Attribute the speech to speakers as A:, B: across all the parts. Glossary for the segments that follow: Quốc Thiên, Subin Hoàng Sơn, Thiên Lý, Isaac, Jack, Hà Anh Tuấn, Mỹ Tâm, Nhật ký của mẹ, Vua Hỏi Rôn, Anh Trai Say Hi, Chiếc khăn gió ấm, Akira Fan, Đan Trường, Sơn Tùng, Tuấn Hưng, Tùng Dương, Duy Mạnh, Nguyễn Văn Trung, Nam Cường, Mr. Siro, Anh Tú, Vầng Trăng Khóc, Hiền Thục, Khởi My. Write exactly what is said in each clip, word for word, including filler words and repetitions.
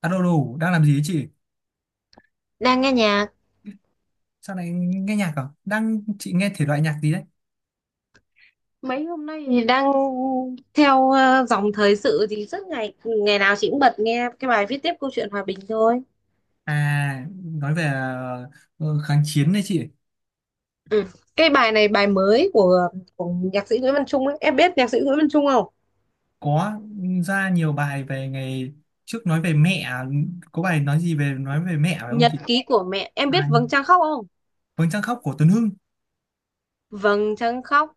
A: Alo đủ đang làm gì ấy chị?
B: Đang nghe nhạc.
A: Sao lại nghe nhạc à? Đang chị nghe thể loại nhạc gì đấy?
B: Mấy hôm nay thì đang theo ờ, dòng thời sự thì rất ngày ngày nào chị cũng bật nghe cái bài Viết tiếp câu chuyện hòa bình thôi.
A: À, nói về ờ, ờ, kháng chiến đấy chị.
B: Ừ. Cái bài này bài mới của của nhạc sĩ Nguyễn Văn Trung ấy. Em biết nhạc sĩ Nguyễn Văn Trung không?
A: Có ra nhiều bài về ngày trước nói về mẹ, à, có bài nói gì về nói về mẹ phải không
B: Nhật
A: chị?
B: ký của mẹ. Em
A: À,
B: biết Vầng Trăng Khóc không?
A: Vầng trăng khóc của Tuấn Hưng.
B: Vầng Trăng Khóc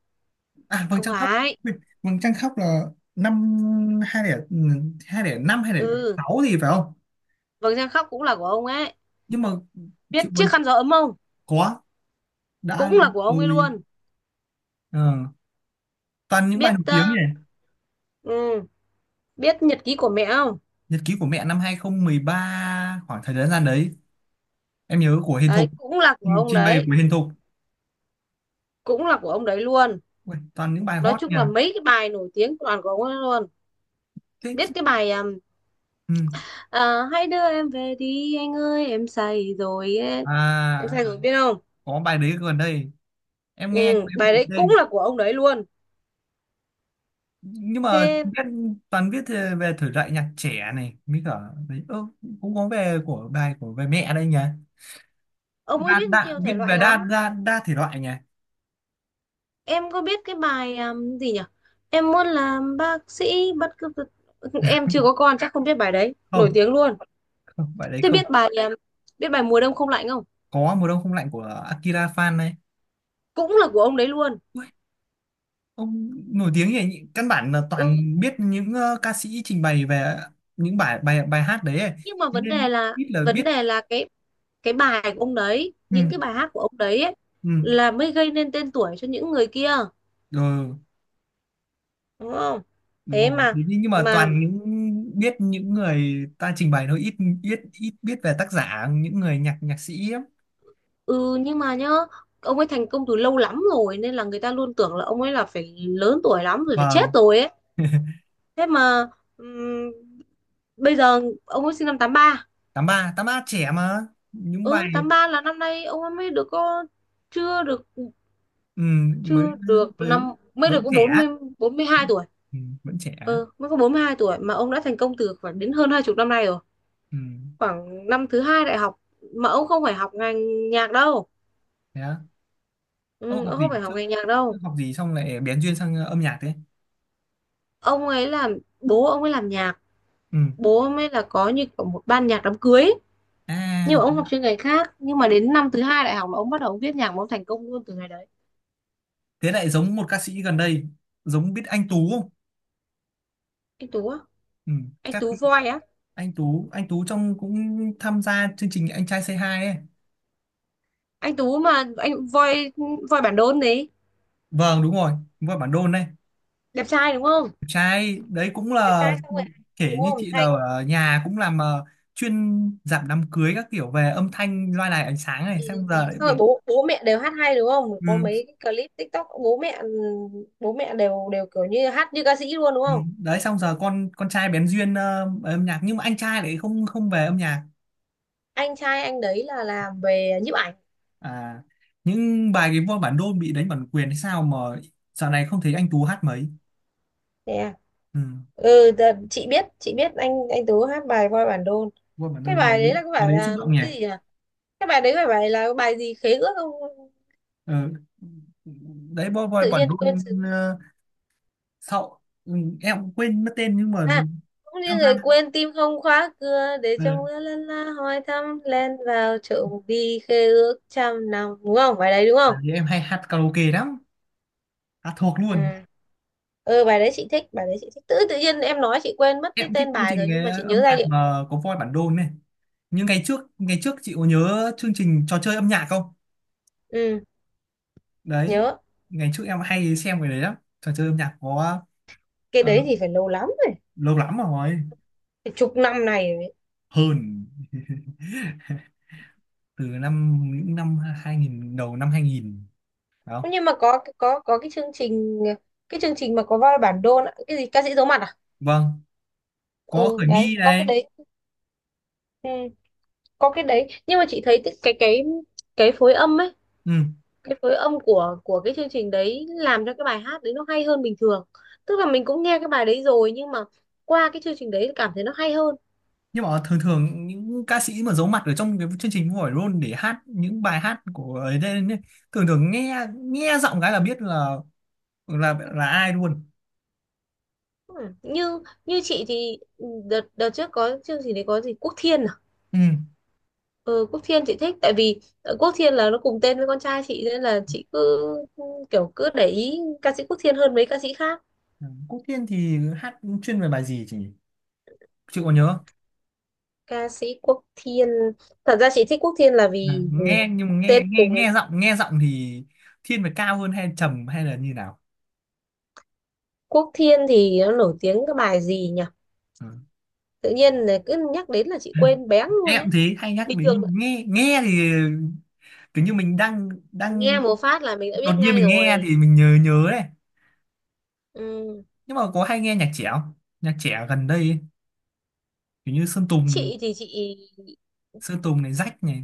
A: À, Vầng
B: không
A: trăng khóc.
B: phải.
A: Ui, Vầng trăng khóc là năm hai nghìn hai nghìn năm, hai nghìn
B: Ừ,
A: sáu gì phải không?
B: Vầng Trăng Khóc cũng là của ông ấy.
A: Nhưng mà
B: Biết
A: chị mình
B: Chiếc khăn gió ấm không?
A: có đã
B: Cũng
A: lâu
B: là của ông ấy
A: rồi.
B: luôn.
A: Ờ, toàn những bài nổi
B: Biết
A: tiếng
B: ờ,
A: nhỉ?
B: ừ, biết Nhật ký của mẹ không?
A: Nhật ký của mẹ năm hai không một ba, khoảng thời gian đấy em nhớ của Hiền
B: Đấy
A: Thục,
B: cũng là của
A: trình
B: ông
A: trình bày
B: đấy.
A: của Hiền Thục.
B: Cũng là của ông đấy luôn.
A: Ui, toàn những bài
B: Nói
A: hot
B: chung
A: nhỉ.
B: là mấy cái bài nổi tiếng toàn của ông ấy luôn.
A: thế
B: Biết cái
A: chứ-
B: bài um,
A: ừ.
B: à, hãy đưa em về đi anh ơi em say rồi ấy.
A: À,
B: Em
A: à,
B: say rồi biết không?
A: có bài đấy gần đây em nghe nhưng
B: Ừ,
A: mà em không
B: bài
A: nhớ
B: đấy cũng
A: tên.
B: là của ông đấy luôn.
A: Nhưng mà
B: Thế
A: viết toàn viết về về thể loại nhạc trẻ này mới cả đấy. Ơ, cũng có về của bài, của về mẹ đây nhỉ?
B: ông ấy
A: Đa
B: biết
A: đa
B: nhiều thể
A: Viết
B: loại
A: về đa
B: lắm.
A: đa đa thể loại nhỉ?
B: Em có biết cái bài um, gì nhỉ? Em muốn làm bác sĩ bất cứ. Em chưa có con chắc không biết bài đấy nổi
A: Không,
B: tiếng luôn.
A: không, bài đấy
B: Thế
A: không.
B: biết bài um, biết bài mùa đông không lạnh không?
A: Có mùa đông không lạnh của Akira Fan này.
B: Cũng là của ông đấy luôn.
A: Ông nổi tiếng như vậy, căn bản là
B: Ừ
A: toàn biết những ờ, ca sĩ trình bày về những bài bài bài hát đấy ấy.
B: nhưng mà
A: Thế
B: vấn
A: nên
B: đề là
A: ít là
B: vấn
A: biết.
B: đề là cái cái bài của ông đấy,
A: Ừ,
B: những cái bài hát của ông đấy ấy,
A: ừ,
B: là mới gây nên tên tuổi cho những người kia,
A: rồi,
B: đúng không?
A: đúng
B: Thế
A: rồi,
B: mà,
A: thế nhưng nhưng mà
B: mà
A: toàn những biết những người ta trình bày thôi, ít biết, ít biết về tác giả, những người nhạc nhạc sĩ ấy.
B: ừ, nhưng mà nhá. Ông ấy thành công từ lâu lắm rồi nên là người ta luôn tưởng là ông ấy là phải lớn tuổi lắm rồi, phải chết
A: Vâng,
B: rồi ấy. Thế mà ừm, bây giờ ông ấy sinh năm tám ba.
A: tám ba, tám ba trẻ mà. Những
B: Ừ,
A: bài,
B: tám ba là năm nay ông ấy mới được có, chưa được,
A: ừ, mới
B: chưa được
A: mới
B: năm mới được
A: vẫn
B: có
A: trẻ.
B: bốn bốn mươi, bốn mươi hai tuổi.
A: Ừ, vẫn trẻ.
B: Ừ, mới có bốn mươi hai tuổi mà ông đã thành công từ khoảng đến hơn hai chục năm nay rồi.
A: Ừ.
B: Khoảng năm thứ hai đại học, mà ông không phải học ngành nhạc đâu.
A: Thế á. Ông
B: Ừ,
A: học
B: ông không
A: gì
B: phải
A: trước?
B: học ngành nhạc
A: Trước
B: đâu.
A: học gì xong lại bén duyên sang ờ, âm nhạc thế?
B: Ông ấy làm bố ông ấy làm nhạc.
A: Ừ.
B: Bố ông ấy là có như kiểu một ban nhạc đám cưới ấy. Nhưng
A: À,
B: mà ông học chuyên ngành khác, nhưng mà đến năm thứ hai đại học là ông bắt đầu viết nhạc mà ông thành công luôn từ ngày đấy.
A: thế lại giống một ca sĩ gần đây, giống, biết anh Tú không?
B: Anh Tú á?
A: Ừ,
B: Anh
A: các
B: Tú
A: khi-
B: voi á.
A: anh Tú anh Tú trong cũng tham gia chương trình Anh Trai Say Hi ấy.
B: Anh Tú mà, anh voi. Voi Bản Đôn đấy.
A: Vâng, đúng rồi, đúng rồi, bản đôn này.
B: Đẹp trai đúng không?
A: Trai đấy cũng
B: Đẹp
A: là,
B: trai xong rồi,
A: kể
B: đúng
A: như
B: không
A: chị là
B: hay có.
A: ở nhà cũng làm ờ, chuyên giảm đám cưới các kiểu, về âm thanh loa đài ánh sáng này,
B: Ừ,
A: xong
B: ừ.
A: giờ lại
B: Xong
A: bị.
B: rồi bố bố mẹ đều hát hay đúng không, có
A: Ừ,
B: mấy cái clip TikTok bố mẹ, bố mẹ đều đều kiểu như hát như ca sĩ luôn đúng
A: ừ.
B: không?
A: Đấy, xong giờ con con trai bén duyên ờ, về âm nhạc, nhưng mà anh trai lại không không về âm nhạc.
B: Anh trai anh đấy là làm về nhiếp ảnh.
A: À, những bài, cái voi bản đôn bị đánh bản quyền hay sao mà dạo này không thấy anh Tú hát mấy.
B: Nè,
A: Ừ.
B: ừ, đợt- chị biết, chị biết anh anh Tú hát bài Voi Bản Đôn.
A: Wow, bạn ơi,
B: Cái
A: bài
B: bài đấy là có
A: bài
B: phải
A: đấy xúc
B: là
A: động nhỉ.
B: cái gì nhỉ? Cái bài đấy phải bài là bài gì khế ước không?
A: Ờ. Đấy, boy boy
B: Tự
A: bọn
B: nhiên
A: đun
B: quên.
A: ờ, sau. Ừ, em cũng quên mất tên nhưng mà
B: À, cũng như
A: tham
B: người
A: gia
B: quên tim không khóa cửa để
A: ờ,
B: cho mưa lân la hỏi thăm len vào trộm đi khê ước trăm năm, đúng không? Bài đấy đúng không?
A: bản thì em hay hát karaoke lắm, hát thuộc luôn.
B: Ừ. Ừ, bài đấy chị thích, bài đấy chị thích tự tự nhiên em nói chị quên mất
A: Em
B: cái
A: cũng thích
B: tên
A: chương
B: bài
A: trình
B: rồi nhưng mà
A: cái
B: chị nhớ
A: âm
B: giai
A: nhạc
B: điệu.
A: mà có voi bản đôn này, nhưng ngày trước, ngày trước chị có nhớ chương trình trò chơi âm nhạc không?
B: Ừ
A: Đấy,
B: nhớ.
A: ngày trước em hay xem cái đấy lắm, trò chơi âm nhạc có.
B: Cái
A: ờ,
B: đấy thì phải lâu lắm rồi,
A: Lâu lắm rồi.
B: phải chục năm này rồi.
A: Hơn. Từ năm những năm hai nghìn, đầu năm hai nghìn
B: Đấy.
A: đó.
B: Nhưng mà có có có cái chương trình, cái chương trình mà có vào bản đô nữa. Cái gì ca sĩ giấu mặt à?
A: Vâng, có
B: Ừ
A: Khởi
B: đấy
A: My
B: có cái
A: này.
B: đấy. Ừ, có cái đấy nhưng mà chị thấy cái cái cái phối âm ấy,
A: Ừ.
B: cái phối âm của của cái chương trình đấy làm cho cái bài hát đấy nó hay hơn bình thường. Tức là mình cũng nghe cái bài đấy rồi nhưng mà qua cái chương trình đấy cảm thấy nó hay hơn.
A: Nhưng mà thường thường những ca sĩ mà giấu mặt ở trong cái chương trình Vua Hỏi Rôn để hát những bài hát của ấy đây, thường thường nghe, nghe giọng cái là biết là, là là ai luôn.
B: Ừ. như như chị thì đợt đợt trước có chương trình đấy có gì Quốc Thiên à.
A: Ừ.
B: Ừ, Quốc Thiên chị thích tại vì ờ, Quốc Thiên là nó cùng tên với con trai chị nên là chị cứ, ừ, kiểu cứ để ý ca sĩ Quốc Thiên hơn mấy ca sĩ khác.
A: Quốc Thiên thì hát chuyên về bài gì chị chị có nhớ không?
B: Ca sĩ Quốc Thiên, thật ra chị thích Quốc Thiên là
A: Ừ.
B: vì
A: Nghe nhưng mà nghe
B: tên
A: nghe
B: cùng.
A: nghe giọng, nghe giọng thì thiên về cao hơn hay trầm hay là như nào?
B: Quốc Thiên thì nó nổi tiếng cái bài gì nhỉ?
A: Ừ.
B: Tự nhiên là cứ nhắc đến là chị quên béng luôn đấy.
A: Em thế hay nhắc
B: Bình thường
A: đến, nghe nghe thì cứ như mình đang
B: nghe
A: đang
B: một phát là mình đã
A: đột
B: biết
A: nhiên
B: ngay
A: mình nghe
B: rồi.
A: thì mình nhớ nhớ này.
B: Ừ.
A: Nhưng mà có hay nghe nhạc trẻ không? Nhạc trẻ gần đây ấy, kiểu như Sơn Tùng,
B: Chị thì chị,
A: Sơn Tùng này, Rách này,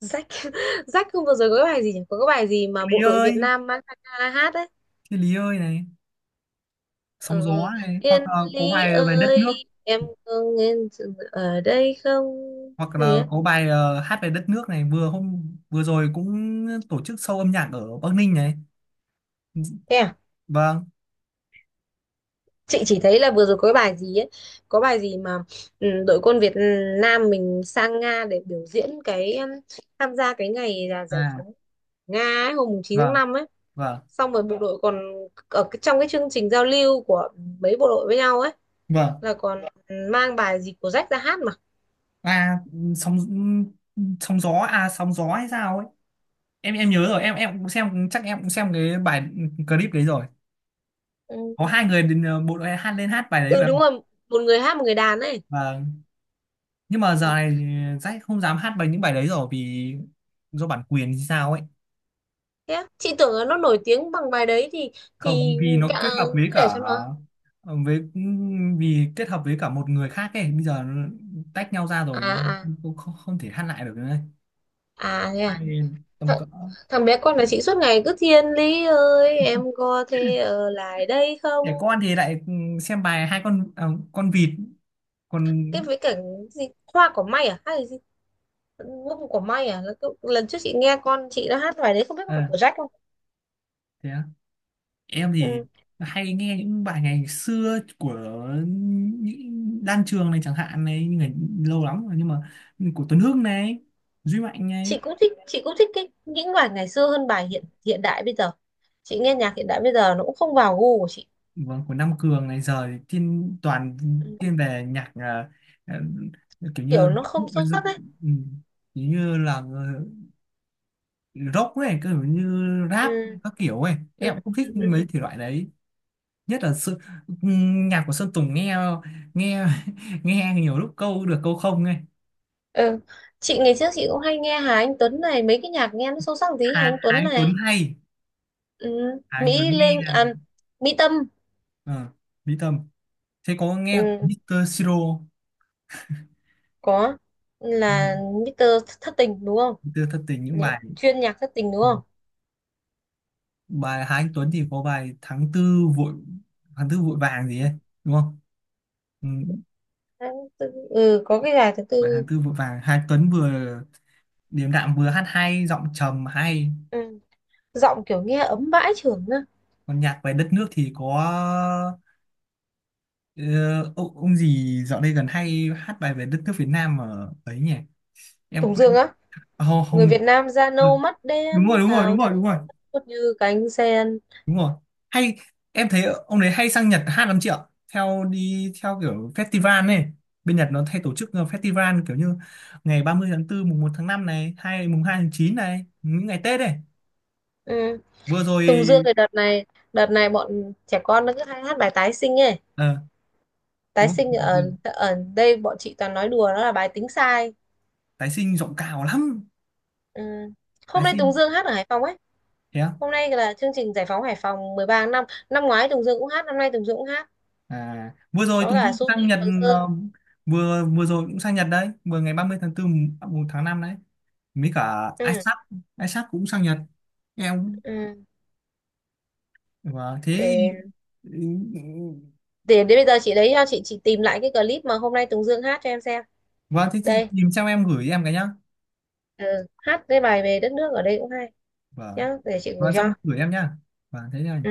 B: rách. Rách không, vừa rồi có cái bài gì nhỉ, có cái bài gì
A: Thiên
B: mà bộ
A: Lý
B: đội Việt
A: ơi,
B: Nam mang ra hát đấy?
A: Thiên Lý ơi này, Sóng gió
B: ờ,
A: này, hoặc
B: Thiên
A: là có
B: Lý
A: bài về đất nước,
B: ơi em có nghe sự ở đây không,
A: hoặc
B: gì
A: là
B: á.
A: có bài ờ, hát về đất nước này, vừa hôm vừa rồi cũng tổ chức show âm nhạc ở Bắc Ninh này.
B: Thế à?
A: Vâng.
B: Chị chỉ thấy là vừa rồi có cái bài gì ấy, có bài gì mà, ừ, đội quân Việt Nam mình sang Nga để biểu diễn cái um, tham gia cái ngày là giải
A: À,
B: phóng Nga ấy, hôm mùng chín tháng
A: vâng,
B: năm ấy.
A: vâng,
B: Xong rồi bộ đội còn ở cái- trong cái chương trình giao lưu của mấy bộ đội với nhau ấy,
A: vâng.
B: là còn mang bài gì của Jack ra hát mà.
A: À, sóng sóng gió, à, sóng gió hay sao ấy? em em nhớ rồi, em em cũng xem, chắc em cũng xem cái bài clip đấy rồi,
B: Ừ.
A: có hai người đến ờ, bộ đội, hát lên hát bài đấy
B: Ừ
A: phải
B: đúng
A: không?
B: rồi, một người hát một người đàn ấy.
A: Và nhưng mà giờ này Jack không dám hát bài, những bài đấy rồi, vì do bản quyền hay sao ấy,
B: Thế á? Chị tưởng là nó nổi tiếng bằng bài đấy thì,
A: không,
B: thì
A: vì nó
B: cả,
A: kết hợp với
B: cứ để
A: cả
B: cho nó.
A: với vì kết hợp với cả một người khác ấy, bây giờ nó tách nhau ra
B: À,
A: rồi,
B: à,
A: không, không, không thể hát lại được nữa ấy.
B: à thế à.
A: Hai tầm
B: thằng,
A: cỡ,
B: thằng bé con là chị suốt ngày cứ Thiên Lý ơi em có thể ở lại đây không.
A: trẻ con thì lại ừ, xem bài hai con, à, con vịt còn
B: Cái với cả gì hoa cỏ may à hay là gì, Gu của May à? Là cái, lần trước chị nghe con chị đã hát bài đấy không biết có phải
A: ờ,
B: của Jack không?
A: thế á. Em thì
B: Ừ.
A: hay nghe những bài ngày xưa của những Đan Trường này chẳng hạn này, nhưng mà lâu lắm rồi, nhưng mà của Tuấn Hưng này, Duy Mạnh này.
B: Chị cũng thích, chị cũng thích cái những bài ngày xưa hơn bài hiện hiện đại bây giờ. Chị nghe nhạc hiện đại bây giờ nó cũng không vào gu của chị.
A: Vâng, của Nam Cường này, giờ thì thiên toàn
B: Ừ.
A: thiên về nhạc, à, à, kiểu như,
B: Kiểu nó không sâu sắc ấy.
A: ừ, kiểu như là ờ, rock ấy, kiểu như rap
B: Ừ.
A: các kiểu ấy, em cũng
B: Ừ.
A: không thích
B: Ừ. Ừ.
A: mấy thể loại đấy. Nhất là sự, nhạc của Sơn Tùng nghe, nghe nghe nhiều lúc câu được câu không ấy.
B: Ừ. Chị ngày trước chị cũng hay nghe Hà Anh Tuấn này, mấy cái nhạc nghe nó sâu sắc một tí
A: Hà,
B: Hà Anh
A: Hà
B: Tuấn
A: Anh
B: này.
A: Tuấn hay,
B: Ừ.
A: Hà Anh Tuấn
B: Mỹ
A: nghe
B: Linh
A: là
B: à, Mỹ Tâm.
A: ờ, Mỹ Tâm. Thế có nghe của
B: Ừ.
A: mít tơ Siro không?
B: Có,
A: Ừ,
B: là mít tơ Thất Tình đúng không?
A: mít tơ Thất Tình những
B: Nhạc,
A: bài.
B: chuyên nhạc thất tình đúng
A: Ừ.
B: không?
A: Bài Hà Anh Tuấn thì có bài tháng tư vội tháng tư vội vàng gì ấy đúng không? Ừ.
B: Đấy, tự- ừ có cái gà thứ
A: Bài
B: tư.
A: tháng tư vội vàng Hà Anh Tuấn vừa điềm đạm vừa hát hay, giọng trầm hay.
B: Ừ, giọng kiểu nghe ấm bãi trưởng á.
A: Còn nhạc về đất nước thì có ờ, ông, ông gì dạo đây gần hay hát bài về đất nước Việt Nam ở ấy nhỉ, em
B: Tùng Dương
A: quên.
B: á.
A: Ờ,
B: Người
A: không.
B: Việt Nam da nâu mắt
A: Ừ, đúng rồi,
B: đen
A: đúng rồi, đúng
B: thao
A: rồi,
B: thơ,
A: đúng rồi,
B: phất như cánh sen.
A: đúng rồi, hay. Em thấy ông đấy hay sang Nhật hát lắm chị ạ, theo đi theo kiểu festival này, bên Nhật nó hay tổ chức ờ, festival kiểu như ngày ba mươi tháng tư, mùng một tháng năm này, hay mùng hai tháng chín này, những ngày Tết này,
B: Ừ.
A: vừa rồi.
B: Tùng Dương thì đợt này đợt này bọn trẻ con nó cứ hay hát bài tái sinh ấy.
A: Ờ,
B: Tái
A: đúng
B: sinh, ở
A: không?
B: ở đây bọn chị toàn nói đùa nó là bài tính sai.
A: Tái sinh giọng cao lắm.
B: Ừ.
A: Tái
B: Hôm nay
A: sinh.
B: Tùng Dương hát ở Hải Phòng ấy.
A: Thế á?
B: Hôm nay là chương trình Giải phóng Hải Phòng mười ba tháng năm, năm ngoái Tùng Dương cũng hát, năm nay Tùng Dương cũng hát,
A: À, vừa rồi
B: có
A: Tùng
B: cả
A: Dương sang
B: Subin
A: Nhật.
B: Hoàng Sơn.
A: ờ, vừa vừa rồi cũng sang Nhật đấy, vừa ngày ba mươi tháng tư, mùng một tháng năm đấy, mấy cả
B: Ừ.
A: Isaac, Isaac cũng sang Nhật em.
B: Ừ.
A: Vâng, thế.
B: để Để đến bây giờ chị đấy, chị chị tìm lại cái clip mà hôm nay Tùng Dương hát cho em xem.
A: Vâng, thế chị
B: Đây,
A: tìm xong em gửi em cái nhá.
B: ừ, hát cái bài về đất nước ở đây cũng hay
A: Vâng,
B: nhá, để chị gửi
A: vâng,
B: cho.
A: xong gửi em nhá. Vâng, thế nhá.
B: Ừ.